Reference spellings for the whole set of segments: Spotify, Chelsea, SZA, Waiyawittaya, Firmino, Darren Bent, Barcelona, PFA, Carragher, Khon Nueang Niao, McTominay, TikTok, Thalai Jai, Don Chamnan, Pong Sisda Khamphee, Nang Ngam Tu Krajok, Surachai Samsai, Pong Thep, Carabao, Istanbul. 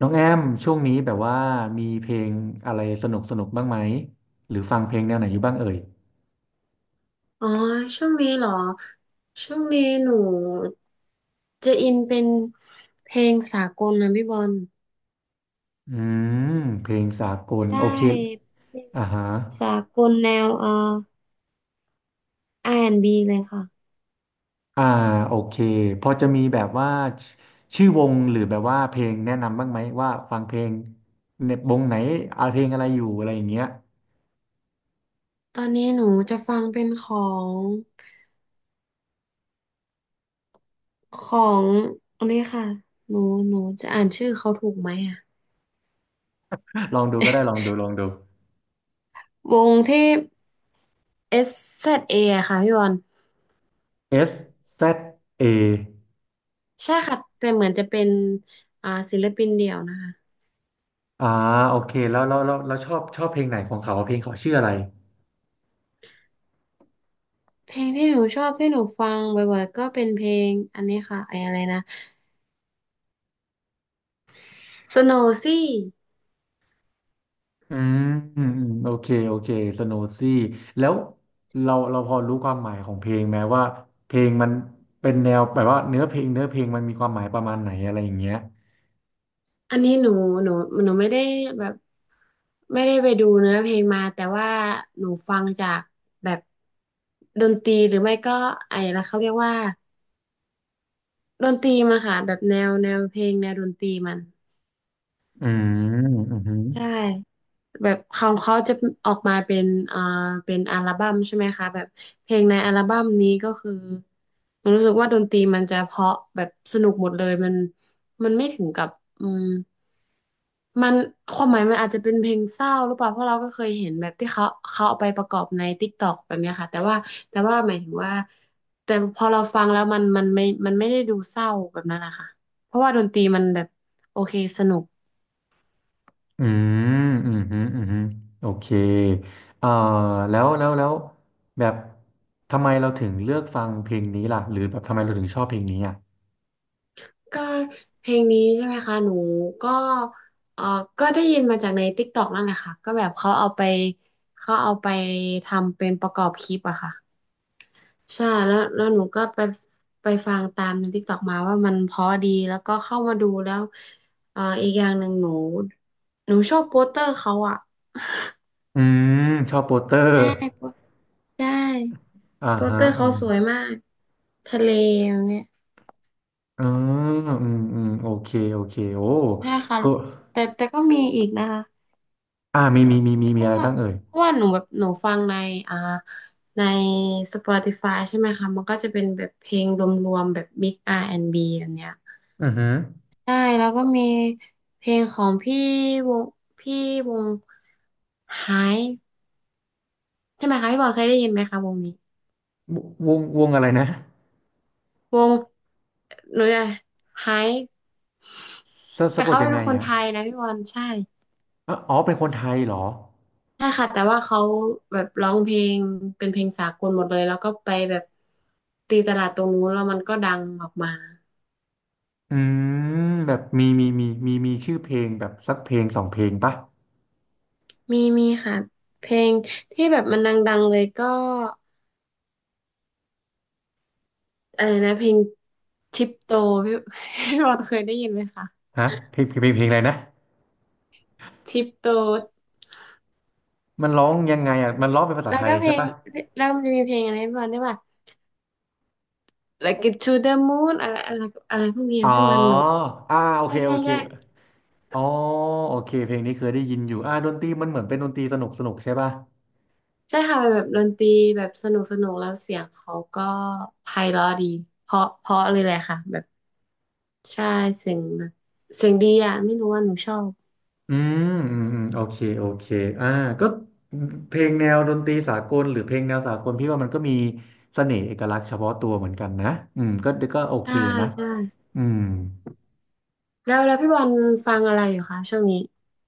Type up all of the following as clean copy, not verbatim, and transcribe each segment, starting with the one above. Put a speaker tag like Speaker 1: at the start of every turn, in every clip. Speaker 1: น้องแอมช่วงนี้แบบว่ามีเพลงอะไรสนุกสนุกบ้างไหมหรือฟังเพลงแนวไหนอยู่บ้างเอ่ย
Speaker 2: อ๋อช่วงนี้เหรอช่วงนี้หนูจะอินเป็นเพลงสากลนะพี่บอล
Speaker 1: อืมเพลงสากล
Speaker 2: ได้
Speaker 1: โอเค
Speaker 2: เพลง
Speaker 1: อ่าฮะ
Speaker 2: สากลแนวR&B เลยค่ะ
Speaker 1: อ่าโอเคพอจะมีแบบว่าชชื่อวงหรือแบบว่าเพลงแนะนำบ้างไหมว่าฟังเพลงในวงไหนเอาเพลงอะไรอยู่อะไรอย่างเงี้ย
Speaker 2: ตอนนี้หนูจะฟังเป็นงของอันนี้ค่ะหนูหนูจะอ่านชื่อเขาถูกไหมอ่ะ
Speaker 1: ลองดูก็ได้ลองดูลองดู
Speaker 2: วงที่ SZA อสแซดเออะค่ะพี่บอล
Speaker 1: SZA อ
Speaker 2: ใช่ค่ะแต่เหมือนจะเป็นศิลปินเดี่ยวนะคะ
Speaker 1: อ่าโอเคแล้วชอบเพลงไหนของเขาเพลงเขาชื่ออะไร
Speaker 2: เพลงที่หนูชอบที่หนูฟังบ่อยๆก็เป็นเพลงอันนี้ค่ะไอ้อะไรนะ สโนซี่
Speaker 1: อืมโอเคโอเคสโนซี่แล้วเราพอรู้ความหมายของเพลงไหมว่าเพลงมันเป็นแนวแบบว่าเนื้อเพลงมันมีความหมายประมาณไหนอะไรอย่างเงี้ย
Speaker 2: อันนี้หนูหนูไม่ได้แบบไม่ได้ไปดูเนื้อเพลงมาแต่ว่าหนูฟังจากแบบดนตรีหรือไม่ก็ไอ้ละเขาเรียกว่าดนตรีมันค่ะแบบแนวเพลงแนวดนตรีมัน
Speaker 1: อืมอืมอืม
Speaker 2: ใช่ แบบของเขาจะออกมาเป็นอ่าเป็นอัลบั้มใช่ไหมคะแบบเพลงในอัลบั้มนี้ก็คือมันรู้สึกว่าดนตรีมันจะเพราะแบบสนุกหมดเลยมันไม่ถึงกับอืมมันความหมายมันอาจจะเป็นเพลงเศร้าหรือเปล่าเพราะเราก็เคยเห็นแบบที่เขาเอาไปประกอบใน TikTok แบบเนี้ยค่ะแต่ว่าแต่ว่าหมายถึงว่าแต่พอเราฟังแล้วมันมันไม่ได้ดูเศร้าแบบนั้นนะคะเพราะว่าดนตรีมันแบบโอเคสนุก
Speaker 1: อืมอืมอืมอืมโอเคเอ่อแล้วแบบทำไมเราถึงเลือกฟังเพลงนี้ล่ะหรือแบบทำไมเราถึงชอบเพลงนี้อ่ะ
Speaker 2: ก็เพลงนี้ใช่ไหมคะหนูก็เออก็ได้ยินมาจากใน TikTok นั่นแหละค่ะก็แบบเขาเอาไปเขาเอาไปทำเป็นประกอบคลิปอะค่ะใช่แล้วแล้วหนูก็ไปไปฟังตามในติ๊กต็อกมาว่ามันเพราะดีแล้วก็เข้ามาดูแล้วเอออีกอย่างหนึ่งหนูชอบโปสเตอร์เขาอะ
Speaker 1: อืมชอบโปสเตอ
Speaker 2: ใช่
Speaker 1: ร์
Speaker 2: โปสใช่
Speaker 1: อ่า
Speaker 2: โปส
Speaker 1: ฮะ
Speaker 2: เตอร์เขาสวยมากทะเลอย่างเนี้ย
Speaker 1: อืมโอเคโอเคโอ้
Speaker 2: ใช่ค่ะ
Speaker 1: ก็
Speaker 2: แต่ก็มีอีกนะคะ
Speaker 1: อ่ามีมีมีมี
Speaker 2: เพ
Speaker 1: มี
Speaker 2: ราะ
Speaker 1: อะไร
Speaker 2: ว่า
Speaker 1: บ้างเอ่ย
Speaker 2: เพราะว่าหนูแบบหนูฟังในอ่าใน Spotify ใช่ไหมคะมันก็จะเป็นแบบเพลงรวมๆแบบ Big R&B แอนด์บแบบเนี้ย
Speaker 1: อือหือ
Speaker 2: ใช่แล้วก็มีเพลงของพี่วงพี่วงไฮใช่ไหมคะพี่บอลเคยได้ยินไหมคะวงนี้
Speaker 1: วงวงอะไรนะ
Speaker 2: วงหนูจะไฮ
Speaker 1: สะสะ
Speaker 2: แต่
Speaker 1: กด
Speaker 2: เขา
Speaker 1: ยัง
Speaker 2: เป็
Speaker 1: ไง
Speaker 2: นคนไท
Speaker 1: อ่ะ
Speaker 2: ยนะพี่บอลใช่
Speaker 1: อ๋ออ๋อเป็นคนไทยเหรอ
Speaker 2: ใช่ค่ะแต่ว่าเขาแบบร้องเพลงเป็นเพลงสากลหมดเลยแล้วก็ไปแบบตีตลาดตรงนู้นแล้วมันก็ดังออกมา
Speaker 1: อืมแบบมีชื่อเพลงแบบสักเพลงสองเพลงปะ
Speaker 2: มีค่ะเพลงที่แบบมันดังๆเลยก็อะไรนะเพลงทิปโตพี่ พี่บอลเคยได้ยินไหมคะ
Speaker 1: ฮะเพลงอะไรนะ
Speaker 2: ทิปโต
Speaker 1: มันร้องยังไงอ่ะมันร้องเป็นภาษา
Speaker 2: แล้ว
Speaker 1: ไทย
Speaker 2: ก็เพล
Speaker 1: ใช่
Speaker 2: ง
Speaker 1: ปะ
Speaker 2: แล้วมันจะมีเพลงอะไรพี่บอลได้ป่ะ Like it to the moon อะไรอะไรอะไรพวกนี้
Speaker 1: อ๋อ
Speaker 2: พี่บอลหนู
Speaker 1: อ่าโอ
Speaker 2: ใช่
Speaker 1: เค
Speaker 2: ใช่
Speaker 1: โอเค
Speaker 2: ใช่
Speaker 1: อ๋อโอเคเพลงนี้เคยได้ยินอยู่อ่าดนตรีมันเหมือนเป็นดนตรีสนุกสนุกใช่ปะ
Speaker 2: ใช่ค่ะเป็นแบบดนตรีแบบสนุกสนุกแล้วเสียงเขาก็ไพเราะดีเพราะเลยแหละค่ะแบบใช่เสียงแบบเสียงดีอ่ะไม่รู้ว่าหนูชอบ
Speaker 1: อืมโอเคโอเคอ่าก็เพลงแนวดนตรีสากลหรือเพลงแนวสากลพี่ว่ามันก็มีเสน่ห์เอกลักษณ์เฉพาะตัวเหมือนกันนะอืมก็โอเค
Speaker 2: ใช่
Speaker 1: นะ
Speaker 2: ใช่
Speaker 1: อืม
Speaker 2: แล้วแล้วพี่บอลฟังอะไรอยู่คะช่วงนี้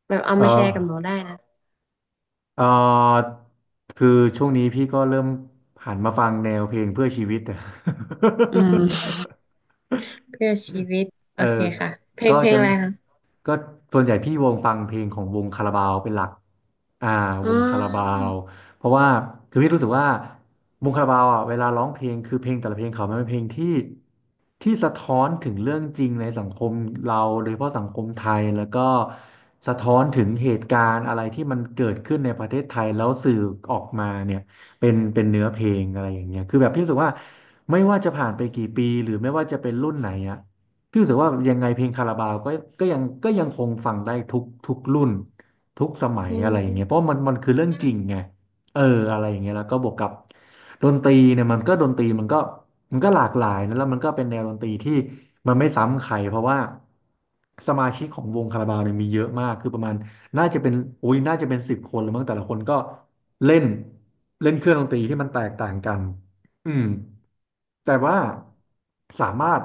Speaker 2: แบบเอา
Speaker 1: เออ
Speaker 2: มาแชร์กับหนูได้นะ
Speaker 1: เออคือช่วงนี้พี่ก็เริ่มหันมาฟังแนวเพลงเพื่อชีวิตอะ
Speaker 2: อืม เพื่อชีวิต
Speaker 1: เอ
Speaker 2: โอ
Speaker 1: อ
Speaker 2: เคค่ะเพล
Speaker 1: ก็
Speaker 2: งเพลง
Speaker 1: จะ
Speaker 2: อะไรคะ
Speaker 1: ก็ส่วนใหญ่พี่วงฟังเพลงของวงคาราบาวเป็นหลักอ่า
Speaker 2: อ๋
Speaker 1: วงคาราบา
Speaker 2: อ
Speaker 1: วเพราะว่าคือพี่รู้สึกว่า วงคาราบาวอ่ะเวลาร้องเพลงคือเพลงแต่ละเพลงเขามันเป็นเพลงที่ที่สะท้อนถึงเรื่องจริงในสังคมเราโดยเฉพาะสังคมไทยแล้วก็สะท้อนถึงเหตุการณ์อะไรที่มันเกิดขึ้นในประเทศไทยแล้วสื่อออกมาเนี่ยเป็นเนื้อเพลงอะไรอย่างเงี้ยคือแบบพี่รู้สึกว่าไม่ว่าจะผ่านไปกี่ปีหรือไม่ว่าจะเป็นรุ่นไหนอ่ะ พี่รู้สึกว่ายังไงเพลงคาราบาวก็ก็ยังคงฟังได้ทุกรุ่นทุกสมัย
Speaker 2: อื
Speaker 1: อะ
Speaker 2: ม
Speaker 1: ไรอย่างเงี้ยเพราะมันคือเรื่องจริงไงเอออะไรอย่างเงี้ยแล้วก็บวกกับดนตรีเนี่ยมันก็ดนตรีมันก็มันก็หลากหลายนะแล้วมันก็เป็นแนวดนตรีที่มันไม่ซ้ำใครเพราะว่าสมาชิกของวงคาราบาวเนี่ยมีเยอะมากคือประมาณน่าจะเป็นโอ้ยน่าจะเป็นสิบคนหรือมั้งแต่ละคนก็เล่นเล่นเครื่องดนตรีที่มันแตกต่างกันอืม แต่ว่าสามารถ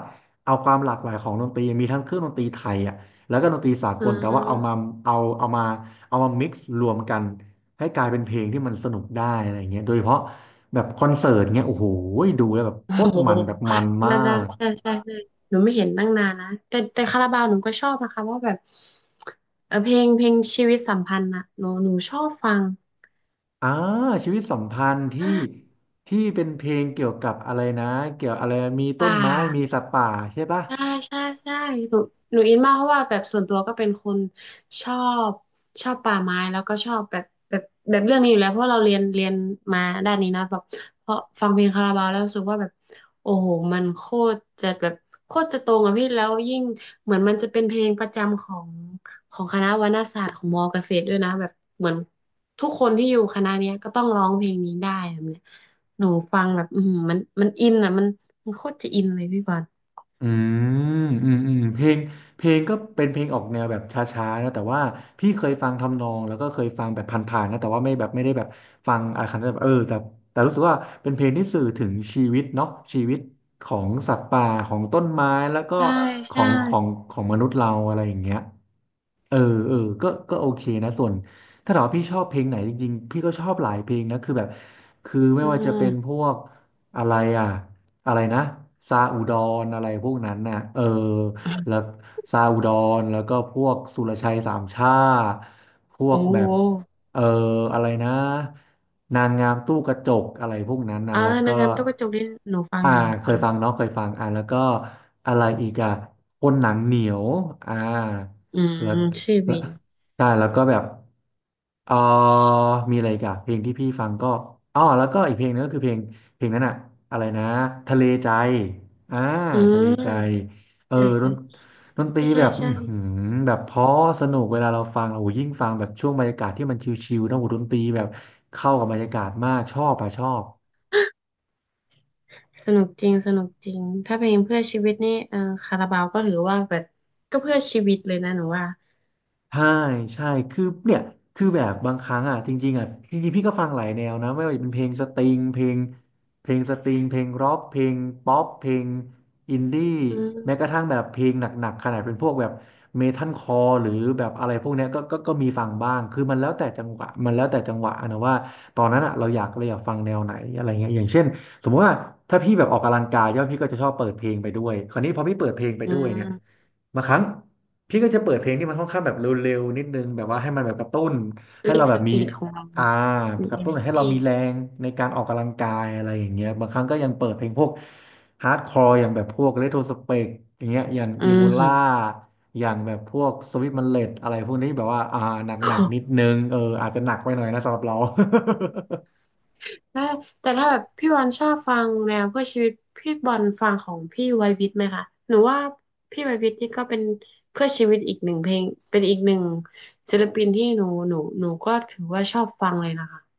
Speaker 1: เอาความหลากหลายของดนตรีมีทั้งเครื่องดนตรีไทยอ่ะแล้วก็ดนตรีสา
Speaker 2: อ่
Speaker 1: กลแต่ว่าเอามา
Speaker 2: า
Speaker 1: เอาเอามาเอามา m ิกรวมกันให้กลายเป็นเพลงที่มันสนุกได้อะไรเงี้ยโดยเฉพาะแบบคอนเสิร์ตเงี้ยโอ้โหดูแล้วแบบ
Speaker 2: โอ้
Speaker 1: โคตร
Speaker 2: โห
Speaker 1: มันแบบมันมา
Speaker 2: นาน
Speaker 1: ก
Speaker 2: ๆใช่ใช่ใช่หนูไม่เห็นตั้งนานนะแต่คาราบาวหนูก็ชอบนะคะว่าแบบเออเพลงชีวิตสัมพันธ์นะหนูชอบฟัง
Speaker 1: อ่าชีวิตสัมพันธ์ที่ที่เป็นเพลงเกี่ยวกับอะไรนะเกี่ยวอะไรมีต้
Speaker 2: ป่า
Speaker 1: นไม้มีสัตว์ป่าใช่ปะ
Speaker 2: ใช่ใช่ใช่หนูหนูอินมากเพราะว่าแบบส่วนตัวก็เป็นคนชอบชอบป่าไม้แล้วก็ชอบแบบเรื่องนี้อยู่แล้วเพราะเราเรียนเรียนมาด้านนี้นะแบบเพราะฟังเพลงคาราบาวแล้วรู้สึกว่าแบบโอ้โหมันโคตรจะแบบโคตรจะตรงอะพี่แล้วยิ่งเหมือนมันจะเป็นเพลงประจำของของคณะวรรณศาสตร์ของมอเกษตรด้วยนะแบบเหมือนทุกคนที่อยู่คณะเนี้ยก็ต้องร้องเพลงนี้ได้แบบเนี้ยหนูฟังแบบอือหือมันอินอะมันมันโคตรจะอินเลยพี่บอล
Speaker 1: อืมอืมอืมเพลงเพลงก็เป็นเพลงออกแนวแบบช้าๆนะแต่ว่าพี่เคยฟังทำนองแล้วก็เคยฟังแบบผ่านๆนะแต่ว่าไม่แบบไม่ได้แบบฟังอะไรขนาดนั้นแบบเออแต่แต่รู้สึกว่าเป็นเพลงที่สื่อถึงชีวิตเนาะชีวิตของสัตว์ป่าของต้นไม้แล้วก็
Speaker 2: ใช่
Speaker 1: ขอ
Speaker 2: ใช่
Speaker 1: งของของมนุษย์เราอะไรอย่างเงี้ยเออเออก็โอเคนะส่วนถ้าถามว่าพี่ชอบเพลงไหนจริงๆพี่ก็ชอบหลายเพลงนะคือแบบคือไม่
Speaker 2: อื
Speaker 1: ว่าจะเป็นพ
Speaker 2: ม
Speaker 1: วก อะไรอ่ะอะไรนะซาอุดรอะไรพวกนั้นน่ะเออแล้วซาอุดรแล้วก็พวกสุรชัยสามชาติพว
Speaker 2: โอ้
Speaker 1: กแบ
Speaker 2: โห
Speaker 1: บเอออะไรนะนางงามตู้กระจกอะไรพวกนั้นนะ
Speaker 2: อ่า
Speaker 1: แล้ว
Speaker 2: นาง
Speaker 1: ก็
Speaker 2: งามตุ๊กกระจกนี่หนูฟัง
Speaker 1: อ่า
Speaker 2: อยู่หนู
Speaker 1: เค
Speaker 2: ฟั
Speaker 1: ย
Speaker 2: ง
Speaker 1: ฟังเนาะเคยฟังอ่าแล้วก็อะไรอีกอ่ะคนหนังเหนียวอ่า
Speaker 2: อืม
Speaker 1: แล้ว
Speaker 2: ชื่อ
Speaker 1: แล้ว
Speaker 2: วิน
Speaker 1: ใช่แล้วก็แบบเออมีอะไรอีกอ่ะเพลงที่พี่ฟังก็อ๋อแล้วก็อีกเพลงนึงก็คือเพลง เพลงนั้นอะอะไรนะทะเลใจอ่า
Speaker 2: อื
Speaker 1: ทะเลใจ
Speaker 2: ม
Speaker 1: เออ
Speaker 2: ใช่
Speaker 1: ด
Speaker 2: ใช่
Speaker 1: นดนตรี
Speaker 2: ใช่
Speaker 1: แบบอื
Speaker 2: ใช่
Speaker 1: อหือแบบเพราะสนุกเวลาเราฟังโอ้โหยิ่งฟังแบบช่วงบรรยากาศที่มันชิลๆนะโอ้โหดนตรีแบบเข้ากับบรรยากาศมากชอบอะชอบ
Speaker 2: สนุกจริงสนุกจริงถ้าเพลงเพื่อชีวิตนี่เออคาราบาวก็ถือว่าแบบก็เพื่อชีวิตเลยนะหนูว่า
Speaker 1: ใช่ใช่คือเนี่ยคือแบบบางครั้งอ่ะจริงๆอ่ะจริงๆพี่ก็ฟังหลายแนวนะไม่ว่าจะเป็นเพลงสตริงเพลงเพลงสตริงเพลงร็อกเพลงป๊อปเพลงอินดี้
Speaker 2: อื
Speaker 1: แม้กระ
Speaker 2: ม
Speaker 1: ทั่งแบบเพลงหนักๆขนาดเป็นพวกแบบเมทัลคอร์หรือแบบอะไรพวกเนี้ยก็มีฟังบ้างคือมันแล้วแต่จังหวะมันแล้วแต่จังหวะอะนะว่าตอนนั้นอ่ะเราอยากฟังแนวไหนอะไรเงี้ยอย่างเช่นสมมติว่าถ้าพี่แบบออกกำลังกายใช่ไหมพี่ก็จะชอบเปิดเพลงไปด้วยคราวนี้พอพี่เปิดเพลงไป
Speaker 2: อื
Speaker 1: ด้วยเนี่ย
Speaker 2: ม
Speaker 1: บางครั้ง พี่ก็จะเปิดเพลงที่มันค่อนข้างแบบเร็วๆนิดนึงแบบว่าให้มันแบบกระตุ้นให้
Speaker 2: เร่
Speaker 1: เรา
Speaker 2: ง
Speaker 1: แบ
Speaker 2: ส
Speaker 1: บมี
Speaker 2: ปีดของเรา
Speaker 1: อ่า
Speaker 2: มี
Speaker 1: กระตุ้นให้
Speaker 2: energy
Speaker 1: เรามีแรงในการออกกำลังกายอะไรอย่างเงี้ยบางครั้งก็ยังเปิดเพลงพวกฮาร์ดคอร์อย่างแบบพวกเรโทรสเปกอย่างเงี้ยอย่าง
Speaker 2: อื
Speaker 1: อีโบล่า
Speaker 2: ม
Speaker 1: อย่างแบบพวกสวิ t มันเลดอะไรพวกนี้แบบว่าหนักๆนิดนึงเอออาจจะหนักไปหน่อยนะสำหรับเรา
Speaker 2: ถ้าแต่ถ้าแบบพี่บอลชอบฟังแนวเพื่อชีวิตพี่บอลฟังของพี่ไวยวิทย์ไหมคะหนูว่าพี่ไวยวิทย์นี่ก็เป็นเพื่อชีวิตอีกหนึ่งเพลงเป็นอีกหนึ่งศิลปินที่หนูก็ถือว่าชอบฟังเลยนะคะ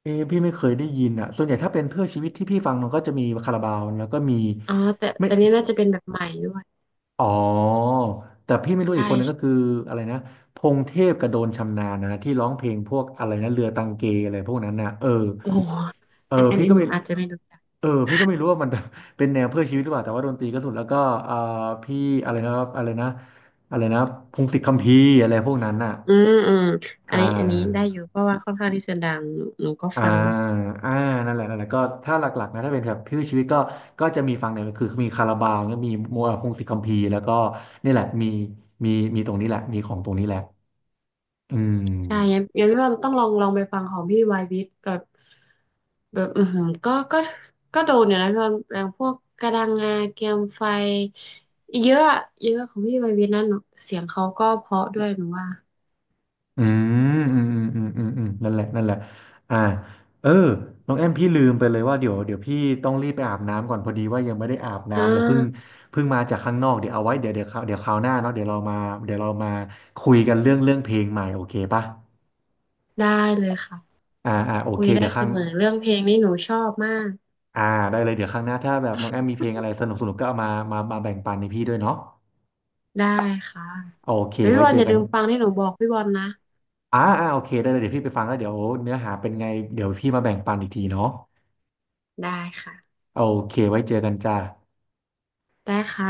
Speaker 1: เออพี่ไม่เคยได้ยินอ่ะส่วนใหญ่ถ้าเป็นเพื่อชีวิตที่พี่ฟังมันก็จะมีคาราบาวแล้วก็มี
Speaker 2: อ๋อแต่
Speaker 1: ไม่
Speaker 2: แต่นี่น่าจะเป็นแบบใหม่ด้วย
Speaker 1: อ๋อแต่พี่ไม่รู้
Speaker 2: ใช่
Speaker 1: อีกคนนึงก็คือ
Speaker 2: ใช่
Speaker 1: อะไรนะพงเทพกับโดนชำนาญนะที่ร้องเพลงพวกอะไรนะเรือตังเกอะไรพวกนั้นนะเออ
Speaker 2: โอ้โห
Speaker 1: เออ
Speaker 2: อันอัน
Speaker 1: พี่
Speaker 2: อัน
Speaker 1: ก็
Speaker 2: หนู
Speaker 1: ไม่
Speaker 2: อาจจะไม่รู้จัก
Speaker 1: เออพี่ก็ไม่รู้ว่ามัน เป็นแนวเพื่อชีวิตหรือเปล่าแต่ว่าดนตรีก็สุดแล้วก็เอ่าพี่อะไรนะอะไรนะอะไรนะพงศิษฐ์คัมภีร์อะไรพวกนั้นน่ะ
Speaker 2: อืมอืมอัน
Speaker 1: อ่า
Speaker 2: นี้อันนี้ได้อยู่เพราะว่าค่อนข้างที่จะดังหนูก็
Speaker 1: อ่า
Speaker 2: ฟัง
Speaker 1: อ่านั่นแหละก็ถ้าหลักๆนะถ้าเป็นแบบชื่อชีวิตก็ก็จะมีฟังเนี่ยคือมีคาราบาวเนี่ยมีมัวพงศิษย์คัมภีร์แล้วก็นี่แหละมีมีตรงนี้แหละมีของตรงนี้แหละอืม
Speaker 2: ใช่งั้นพี่ว่าต้องลองลองไปฟังของพี่วายวิทย์กับแบบอือหือก็โดนอยู่นะพี่ว่าอย่างพวกกระดังงาเกียมไฟเยอะอะเยอะของพี่วายวิทย์นั่นหนูเสียงเขาก็เพราะด้วยหนูว่า
Speaker 1: อืมอืมอืมอืมอืมนั่นแหละอ่าเออน้องแอมพี่ลืมไปเลยว่าเดี๋ยวพี่ต้องรีบไปอาบน้ำก่อนพอดีว่ายังไม่ได้อาบ
Speaker 2: อ่
Speaker 1: น้ำเลยเพิ่ง
Speaker 2: า
Speaker 1: เพิ่งมาจากข้างนอกเดี๋ยวเอาไว้เดี๋ยวคราวหน้าเนาะเดี๋ยวเรามาเดี๋ยวเรามาคุยกันเรื่องเรื่องเพลงใหม่โอเคปะ
Speaker 2: ได้เลยค่ะ
Speaker 1: อ่าโอ
Speaker 2: คุ
Speaker 1: เค
Speaker 2: ยได้
Speaker 1: เดี๋ยว
Speaker 2: เส
Speaker 1: ข้าง
Speaker 2: มอเรื่องเพลงนี่หนูชอบมาก
Speaker 1: อ่าได้เลยเดี๋ยวครั้งหน้าถ้าแบบน้องแอมมีเพลงอะไรสนุกสนุกก็เอามาแบ่งปันในพี่ด้วยเนาะ
Speaker 2: ได้ค่ะ
Speaker 1: โอเค
Speaker 2: เดี๋ยวพี่
Speaker 1: ไว้
Speaker 2: บอ
Speaker 1: เจ
Speaker 2: ลอ
Speaker 1: อ
Speaker 2: ย่า
Speaker 1: กั
Speaker 2: ลื
Speaker 1: น
Speaker 2: มฟังที่หนูบอกพี่บอลนะ
Speaker 1: อ่าโอเคได้เลยเดี๋ยวพี่ไปฟังแล้วเดี๋ยวเนื้อหาเป็นไงเดี๋ยวพี่มาแบ่งปันอีกทีเนาะ
Speaker 2: ได้ค่ะ
Speaker 1: โอเคไว้เจอกันจ้า
Speaker 2: ได้ค่ะ